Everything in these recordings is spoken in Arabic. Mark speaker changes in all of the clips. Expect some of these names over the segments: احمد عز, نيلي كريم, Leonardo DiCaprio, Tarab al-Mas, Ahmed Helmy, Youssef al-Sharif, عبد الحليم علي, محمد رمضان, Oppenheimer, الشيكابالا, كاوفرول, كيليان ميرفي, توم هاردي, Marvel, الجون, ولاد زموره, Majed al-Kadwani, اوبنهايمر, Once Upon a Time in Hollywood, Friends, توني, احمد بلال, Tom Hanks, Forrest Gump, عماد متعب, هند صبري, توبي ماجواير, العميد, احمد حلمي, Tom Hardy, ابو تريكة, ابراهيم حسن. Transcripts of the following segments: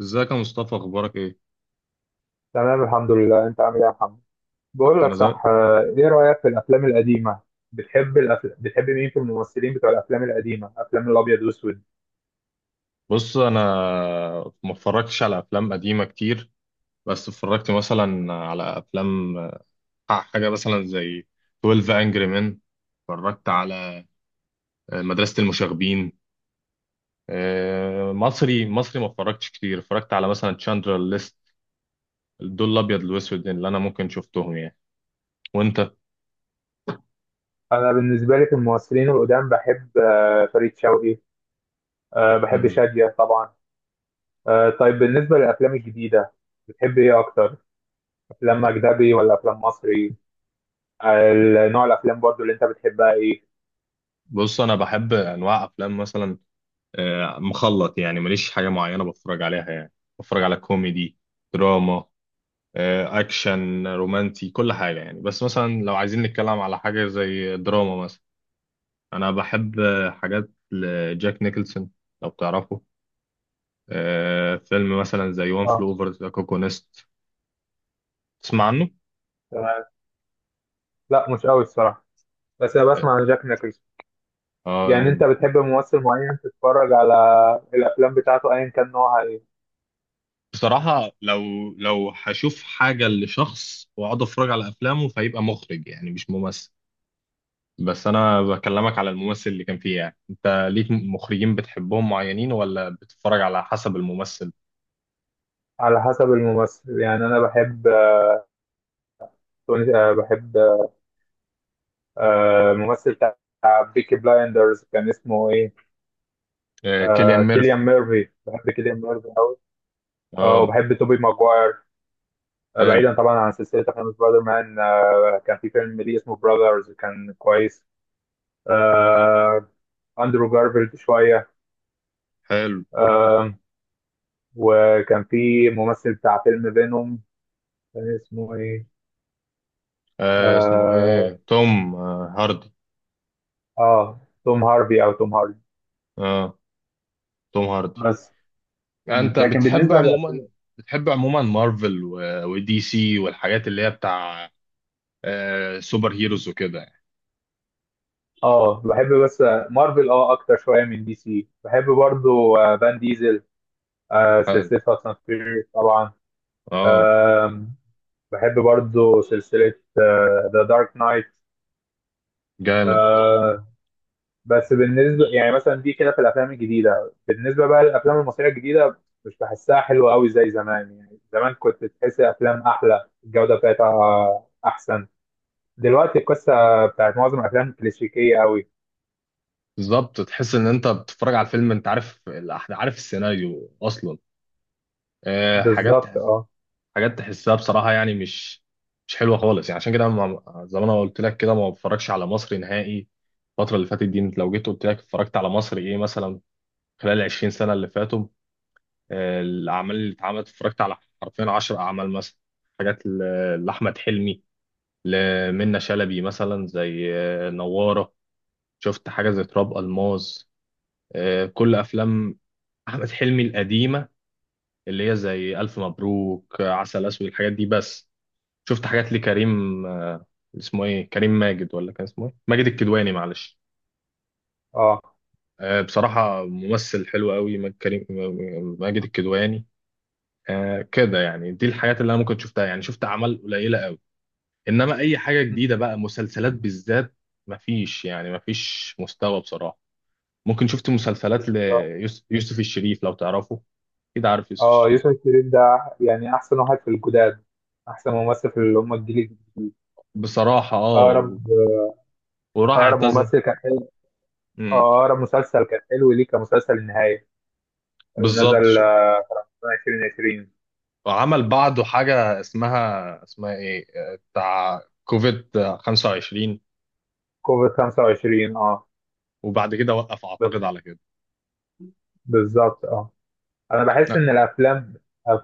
Speaker 1: ازيك يا مصطفى اخبارك ايه؟
Speaker 2: تمام، الحمد لله. انت عامل ايه يا محمد؟ بقول
Speaker 1: انا
Speaker 2: لك
Speaker 1: زي
Speaker 2: صح، ايه رأيك في الافلام القديمة؟ بتحب مين في الممثلين بتوع الافلام القديمة، افلام الابيض والاسود؟
Speaker 1: بص انا ما اتفرجتش على افلام قديمه كتير. بس اتفرجت مثلا على افلام، حاجه مثلا زي 12 انجري مان. اتفرجت على مدرسه المشاغبين. مصري مصري ما اتفرجتش كتير، اتفرجت على مثلا تشاندلر ليست. دول الابيض والاسود اللي انا ممكن شفتهم يعني. وانت؟
Speaker 2: انا بالنسبة لي في الممثلين القدام بحب فريد شوقي، بحب
Speaker 1: مم.
Speaker 2: شادية طبعا. طيب، بالنسبة للافلام الجديدة بتحب ايه اكتر؟ افلام اجنبي ولا افلام مصري؟ نوع الافلام برضو اللي انت بتحبها ايه؟
Speaker 1: بص انا بحب انواع افلام مثلا مخلط، يعني ماليش حاجة معينة بتفرج عليها يعني. بتفرج على كوميدي، دراما، أكشن، رومانسي، كل حاجة يعني. بس مثلا لو عايزين نتكلم على حاجة زي دراما مثلا، أنا بحب حاجات لجاك نيكلسون لو تعرفه. فيلم مثلا زي وان
Speaker 2: اه،
Speaker 1: فلو اوفر ذا كوكونست، تسمع عنه؟
Speaker 2: تمام. لا، مش قوي الصراحة، بس انا بسمع عن جاك نيكلسون. يعني انت
Speaker 1: آه.
Speaker 2: بتحب ممثل معين تتفرج على الافلام بتاعته ايا كان نوعها ايه؟
Speaker 1: بصراحة لو هشوف حاجة لشخص وأقعد أتفرج على أفلامه فيبقى مخرج يعني مش ممثل. بس انا بكلمك على الممثل اللي كان فيه، يعني انت ليك مخرجين بتحبهم معينين ولا بتتفرج على حسب الممثل؟
Speaker 2: على حسب الممثل. يعني انا بحب توني، آه، بحب آه، ممثل بتاع بيكي بلايندرز كان اسمه ايه؟
Speaker 1: آه كيليان ميرفي.
Speaker 2: كيليان ميرفي، بحب كيليان ميرفي قوي. اه،
Speaker 1: اه.
Speaker 2: وبحب توبي ماجواير.
Speaker 1: حلو.
Speaker 2: بعيدا طبعا عن سلسله افلام سبايدر مان، كان في فيلم ليه اسمه براذرز كان كويس. آه، اندرو جارفيلد شويه.
Speaker 1: حلو.
Speaker 2: آه، وكان في ممثل بتاع فيلم فينوم كان اسمه ايه؟
Speaker 1: اسمه
Speaker 2: اه،
Speaker 1: ايه، توم هاردي.
Speaker 2: توم هاربي او توم هاردي.
Speaker 1: اه، توم هاردي.
Speaker 2: بس. مم،
Speaker 1: انت
Speaker 2: لكن
Speaker 1: بتحب
Speaker 2: بالنسبه
Speaker 1: عموما
Speaker 2: للأفلام
Speaker 1: بتحب عموما مارفل ودي سي والحاجات اللي هي بتاع سوبر هيروز وكده يعني.
Speaker 2: اه، بحب. بس مارفل اه اكتر شويه من دي سي. بحب برضو فان ديزل،
Speaker 1: حلو.
Speaker 2: سلسله فاست اند فيوريوس طبعا.
Speaker 1: اه.
Speaker 2: آم، بحب برضو سلسله ذا دارك نايت.
Speaker 1: جامد.
Speaker 2: بس بالنسبه يعني مثلا دي كده في الافلام الجديده، بالنسبه بقى للافلام المصريه الجديده مش بحسها حلوه قوي زي زمان. يعني زمان كنت تحس الافلام احلى، الجوده بتاعتها احسن. دلوقتي القصة بتاعت معظم الأفلام كلاسيكية أوي.
Speaker 1: بالظبط، تحس ان انت بتتفرج على الفيلم انت عارف عارف السيناريو اصلا. آه، حاجات
Speaker 2: بالظبط، أه.
Speaker 1: حاجات تحسها بصراحة يعني مش حلوة خالص يعني، عشان كده زي ما انا قلت لك كده ما بتفرجش على مصري نهائي. الفترة اللي فاتت دي انت لو جيت قلت لك اتفرجت على مصري ايه مثلا خلال 20 سنة اللي فاتوا، الأعمال اللي اتعملت اتفرجت على حرفيا 10 أعمال مثلا. حاجات لأحمد حلمي، لمنى شلبي، مثلا زي نوارة، شفت حاجة زي تراب الماس. كل أفلام أحمد حلمي القديمة اللي هي زي ألف مبروك، عسل أسود، الحاجات دي بس. شفت حاجات لكريم، اسمه ايه، كريم ماجد ولا كان اسمه ايه، ماجد الكدواني، معلش.
Speaker 2: أه،
Speaker 1: بصراحة ممثل حلو قوي ماجد كريم، ماجد الكدواني. كده يعني، دي الحاجات اللي انا ممكن شفتها يعني، شفت اعمال قليلة قوي. انما اي حاجة جديدة بقى، مسلسلات بالذات، مفيش يعني مفيش مستوى بصراحة. ممكن شفت مسلسلات
Speaker 2: بالظبط.
Speaker 1: ليوسف الشريف لو تعرفه، كده عارف يوسف
Speaker 2: أه،
Speaker 1: الشريف.
Speaker 2: يوسف شيرين ده يعني أحسن واحد في الجداد، أحسن ممثل في اللي هم الجيل الجديد.
Speaker 1: بصراحة اه
Speaker 2: أقرب
Speaker 1: وراح
Speaker 2: أقرب
Speaker 1: اعتزل.
Speaker 2: ممثل كان حلو.
Speaker 1: مم.
Speaker 2: أقرب مسلسل كان حلو ليه كان مسلسل النهاية، اللي
Speaker 1: بالظبط.
Speaker 2: نزل 2020.
Speaker 1: وعمل بعده حاجة اسمها ايه، بتاع كوفيد 25.
Speaker 2: كوفيد 25، أه.
Speaker 1: وبعد كده وقف
Speaker 2: ب-
Speaker 1: اعتقد على كده.
Speaker 2: بالظبط، أه. انا بحس
Speaker 1: لا.
Speaker 2: ان الافلام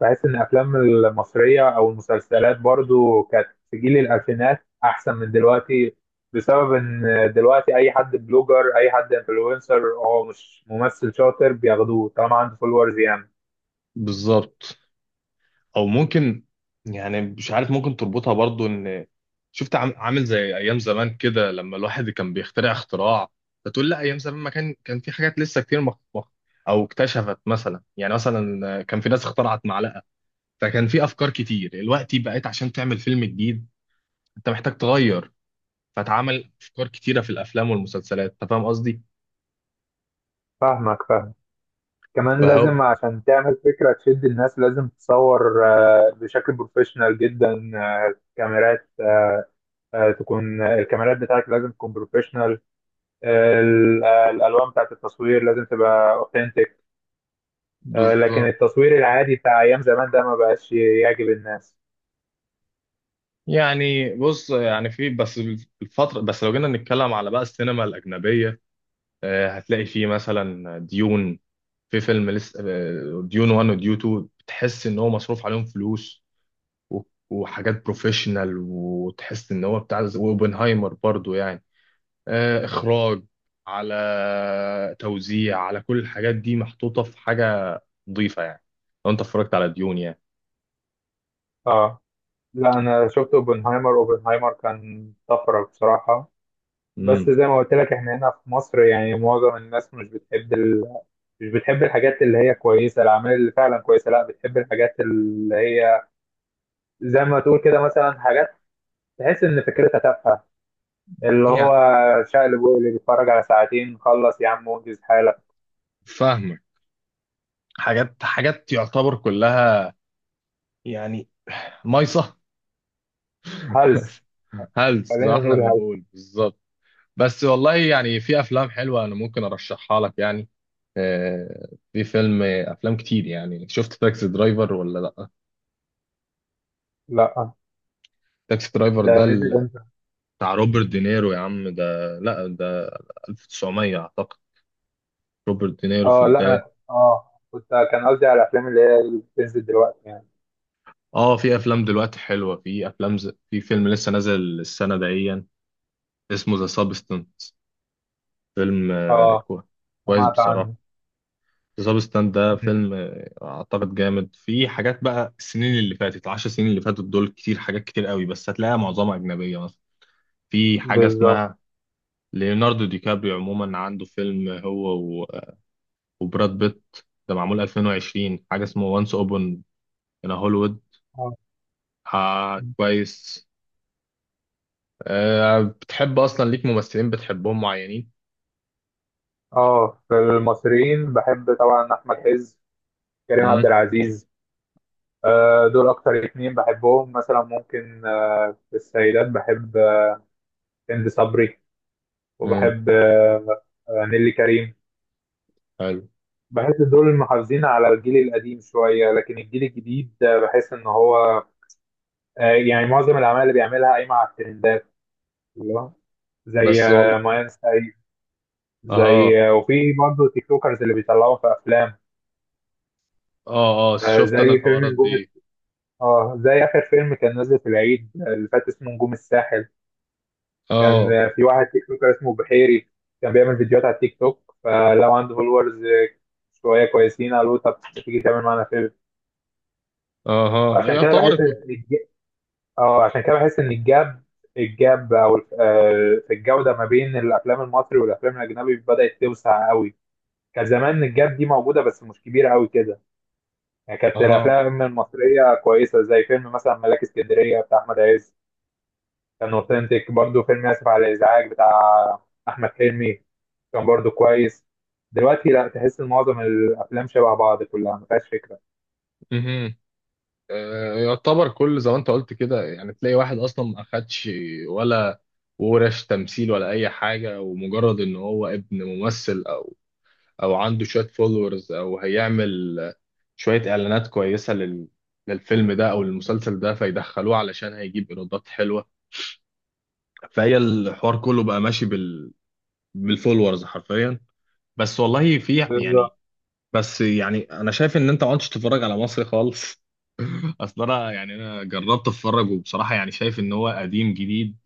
Speaker 2: بحس ان الافلام المصريه او المسلسلات برضو كانت في جيل الالفينات احسن من دلوقتي، بسبب ان دلوقتي اي حد بلوجر، اي حد انفلونسر، هو مش ممثل شاطر بياخدوه طالما عنده فولورز يعني.
Speaker 1: بالظبط. او ممكن، يعني مش عارف، ممكن تربطها برضو ان شفت عامل زي ايام زمان كده، لما الواحد كان بيخترع اختراع فتقول لا، ايام زمان ما كان في حاجات لسه كتير او اكتشفت مثلا، يعني مثلا كان في ناس اخترعت معلقة. فكان في افكار كتير، دلوقتي بقيت عشان تعمل فيلم جديد انت محتاج تغير، فاتعمل افكار كتيره في الافلام والمسلسلات. انت فاهم قصدي؟
Speaker 2: فاهمك، فاهم. كمان
Speaker 1: فهو
Speaker 2: لازم عشان تعمل فكره تشد الناس لازم تصور بشكل بروفيشنال جدا، آه، كاميرات آه، آه، تكون الكاميرات بتاعتك لازم تكون بروفيشنال. الالوان بتاعت التصوير لازم تبقى اوثنتيك. لكن
Speaker 1: بالظبط
Speaker 2: التصوير العادي بتاع ايام زمان ده ما بقاش يعجب الناس.
Speaker 1: يعني. بص يعني في بس الفتره، بس لو جينا نتكلم على بقى السينما الاجنبيه، هتلاقي فيه مثلا ديون. في فيلم لسه، ديون 1 وديون 2، بتحس ان هو مصروف عليهم فلوس و- وحاجات بروفيشنال. وتحس ان هو بتاع، واوبنهايمر برضو يعني، اخراج، على توزيع، على كل الحاجات دي محطوطه في حاجه نظيفه يعني، لو انت اتفرجت على ديون يعني.
Speaker 2: اه، لا انا شفت اوبنهايمر. اوبنهايمر كان طفره بصراحه. بس
Speaker 1: امم.
Speaker 2: زي ما قلت لك احنا هنا في مصر يعني معظم الناس مش بتحب الحاجات اللي هي كويسه، الاعمال اللي فعلا كويسه. لا، بتحب الحاجات اللي هي زي ما تقول كده مثلا حاجات تحس ان فكرتها تافهه، اللي هو
Speaker 1: يعني
Speaker 2: شقلب وقلب بيتفرج على ساعتين خلص يا عم وانجز حالك.
Speaker 1: فاهمك. حاجات يعتبر كلها يعني مايصه.
Speaker 2: هلس،
Speaker 1: هلس زي ما
Speaker 2: خلينا
Speaker 1: احنا
Speaker 2: نقول هلس.
Speaker 1: بنقول، بالظبط. بس والله يعني في افلام حلوه انا ممكن ارشحها لك يعني. في فيلم افلام كتير يعني. شفت تاكسي درايفر ولا لا؟
Speaker 2: لا
Speaker 1: تاكسي درايفر
Speaker 2: ده
Speaker 1: ده
Speaker 2: نزل امتى؟
Speaker 1: بتاع روبرت دينيرو يا عم، ده لا ده 1900 اعتقد، روبرت دينيرو في
Speaker 2: اه، لا انا
Speaker 1: البداية.
Speaker 2: كنت اه كنت كان قصدي على الافلام اللي هي اللي بتنزل دلوقتي يعني.
Speaker 1: اه، في افلام دلوقتي حلوة، في افلام في فيلم لسه نازل السنة دهيا اسمه ذا سابستنت، فيلم
Speaker 2: اه،
Speaker 1: كويس
Speaker 2: سمعت عنه.
Speaker 1: بصراحة. ذا سابستنت ده
Speaker 2: مم.
Speaker 1: فيلم اعتقد جامد. في حاجات بقى، السنين اللي فاتت، العشر سنين اللي فاتت دول، كتير، حاجات كتير قوي، بس هتلاقيها معظمها اجنبية مثلا. في حاجة
Speaker 2: بالظبط،
Speaker 1: اسمها ليوناردو دي كابريو، عموما عنده فيلم هو وبراد بيت ده معمول 2020 حاجة اسمه وانس اوبن ان هوليوود.
Speaker 2: اه.
Speaker 1: آه، كويس. بتحب أصلا ليك ممثلين بتحبهم معينين؟
Speaker 2: اه، في المصريين بحب طبعا احمد عز، كريم عبد
Speaker 1: امم.
Speaker 2: العزيز. آه، دول اكتر اتنين بحبهم. مثلا ممكن في السيدات بحب هند صبري،
Speaker 1: امم.
Speaker 2: وبحب نيلي كريم.
Speaker 1: حلو.
Speaker 2: بحس دول محافظين على الجيل القديم شوية. لكن الجيل الجديد بحس ان هو يعني معظم الأعمال اللي بيعملها قايمة على الترندات، اللي هو زي
Speaker 1: بس والله.
Speaker 2: ماين سايد،
Speaker 1: اه،
Speaker 2: زي وفي برضه تيك توكرز اللي بيطلعوا في أفلام.
Speaker 1: اه، اه، شفت أنا
Speaker 2: زي فيلم
Speaker 1: الحوارات
Speaker 2: نجوم،
Speaker 1: دي.
Speaker 2: اه، زي آخر فيلم كان نازل في العيد اللي فات اسمه نجوم الساحل. كان
Speaker 1: اه.
Speaker 2: في واحد تيك توكر اسمه بحيري، كان بيعمل فيديوهات على التيك توك، فلو عنده فولورز شوية كويسين قالوا طب تيجي تعمل معانا فيلم.
Speaker 1: اه
Speaker 2: فعشان كده بحس،
Speaker 1: يعتبر
Speaker 2: اه عشان كده بحس ان الجاب الجاب او الف- آه، في الجوده ما بين الافلام المصري والافلام الاجنبي بدات توسع قوي. كان زمان الجاب دي موجوده بس مش كبيره قوي كده. يعني كانت
Speaker 1: اه.
Speaker 2: الافلام المصريه كويسه، زي فيلم مثلا ملاك اسكندريه بتاع احمد عز كان اوثنتيك برضه. فيلم اسف على الازعاج بتاع احمد حلمي كان برضه كويس. دلوقتي لا، تحس ان معظم الافلام شبه بعض كلها ما فيهاش فكره.
Speaker 1: مهم. يعتبر كل زي ما انت قلت كده، يعني تلاقي واحد اصلا ما اخدش ولا ورش تمثيل ولا اي حاجه، ومجرد ان هو ابن ممثل او عنده شويه فولورز، او هيعمل شويه اعلانات كويسه للفيلم ده او المسلسل ده، فيدخلوه علشان هيجيب ايرادات حلوه. فهي الحوار كله بقى ماشي بالفولورز حرفيا. بس والله في يعني.
Speaker 2: بالظبط،
Speaker 1: بس يعني انا شايف ان انت ما عدتش تتفرج على مصري خالص. اصل انا، يعني انا جربت اتفرج وبصراحه يعني شايف ان هو قديم جديد،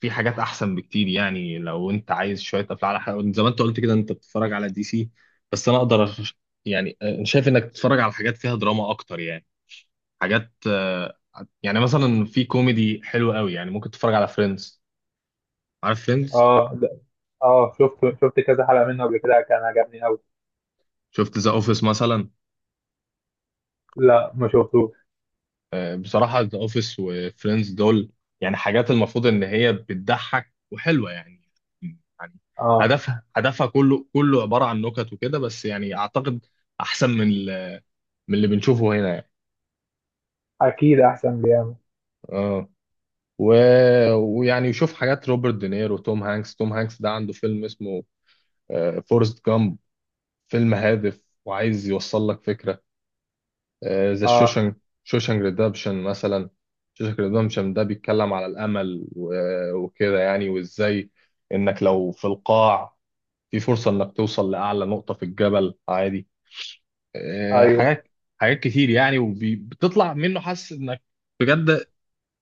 Speaker 1: في حاجات احسن بكتير. يعني لو انت عايز شويه افلام، على حاجه زي ما انت قلت كده انت بتتفرج على دي سي، بس انا اقدر يعني أنا شايف انك تتفرج على حاجات فيها دراما اكتر يعني، حاجات يعني مثلا في كوميدي حلو قوي يعني، ممكن تتفرج على فريندز، عارف فريندز؟
Speaker 2: اه. اه، شفت كذا حلقه منه قبل كده، كان عجبني قوي.
Speaker 1: شفت ذا اوفيس مثلا؟
Speaker 2: لا، ما شفتوش.
Speaker 1: بصراحه ذا اوفيس وفريندز دول، يعني حاجات المفروض ان هي بتضحك وحلوه يعني، يعني
Speaker 2: اه،
Speaker 1: هدفها كله عباره عن نكت وكده بس، يعني اعتقد احسن من اللي بنشوفه هنا يعني.
Speaker 2: اكيد احسن بيعمل.
Speaker 1: اه. و... ويعني يشوف حاجات روبرت دينيرو، توم هانكس ده عنده فيلم اسمه فورست جامب، فيلم هادف وعايز يوصل لك فكرة. ذا
Speaker 2: اه،
Speaker 1: شوشنج، شوشنج ريدمبشن مثلا. شوشنج ريدمبشن ده بيتكلم على الأمل وكده يعني، وإزاي إنك لو في القاع في فرصة إنك توصل لأعلى نقطة في الجبل عادي. آه،
Speaker 2: ايوه.
Speaker 1: حاجات حاجات كتير يعني، وبتطلع منه حاسس إنك بجد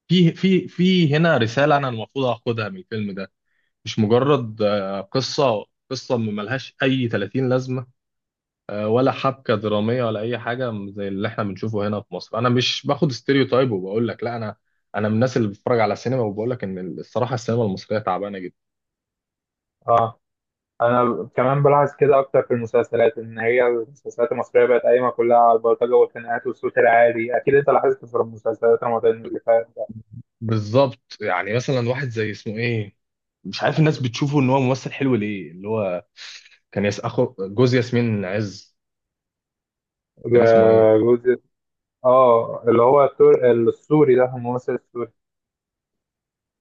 Speaker 1: في هنا رسالة أنا المفروض آخدها من الفيلم ده، مش مجرد قصة ملهاش أي 30 لازمة، ولا حبكة درامية ولا أي حاجة زي اللي إحنا بنشوفه هنا في مصر. أنا مش باخد ستيريوتايب وبقول لك لا، أنا من الناس اللي بتتفرج على السينما، وبقول لك إن الصراحة السينما المصرية تعبانة جدا.
Speaker 2: اه، انا كمان بلاحظ كده اكتر في المسلسلات ان هي المسلسلات المصريه بقت قايمه كلها على البلطجه والخناقات والصوت العالي. اكيد انت لاحظت في المسلسلات رمضان اللي فات ده.
Speaker 1: بالظبط، يعني مثلا واحد زي اسمه إيه، مش عارف الناس بتشوفه إن هو ممثل حلو ليه، اللي هو كان يس أخو جوز ياسمين عز. كان اسمه إيه،
Speaker 2: جزء. اه، اللي هو السوري ده، الممثل السوري.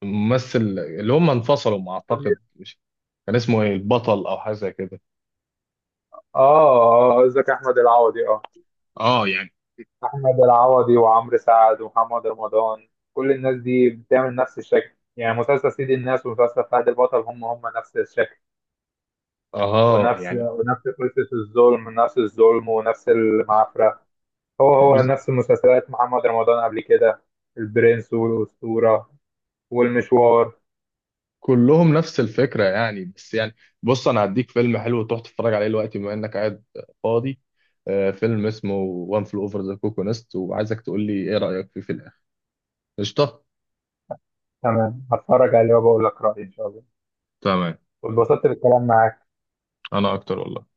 Speaker 1: ممثل، اللي هم انفصلوا ما أعتقد، مش كان اسمه إيه، البطل أو حاجة زي كده.
Speaker 2: اه، اه قصدك احمد العوضي. اه،
Speaker 1: اه يعني.
Speaker 2: احمد العوضي وعمرو سعد ومحمد رمضان، كل الناس دي بتعمل نفس الشكل. يعني مسلسل سيد الناس ومسلسل فهد البطل هم هم نفس الشكل،
Speaker 1: اه يعني
Speaker 2: ونفس قصة الظلم، نفس الظلم ونفس المعفرة. هو هو
Speaker 1: بز-
Speaker 2: نفس المسلسلات محمد رمضان قبل كده، البرنس والأسطورة والمشوار.
Speaker 1: كلهم نفس الفكرة يعني، بس يعني بص انا هديك فيلم حلو تروح تتفرج عليه دلوقتي بما انك قاعد فاضي. آه، فيلم اسمه وان فل اوفر ذا كوكو نست، وعايزك تقول لي ايه رأيك فيه في الاخر. قشطة.
Speaker 2: تمام، هتفرج عليه وبقول لك رأيي إن شاء الله.
Speaker 1: تمام.
Speaker 2: واتبسطت بالكلام معاك.
Speaker 1: انا اكتر والله.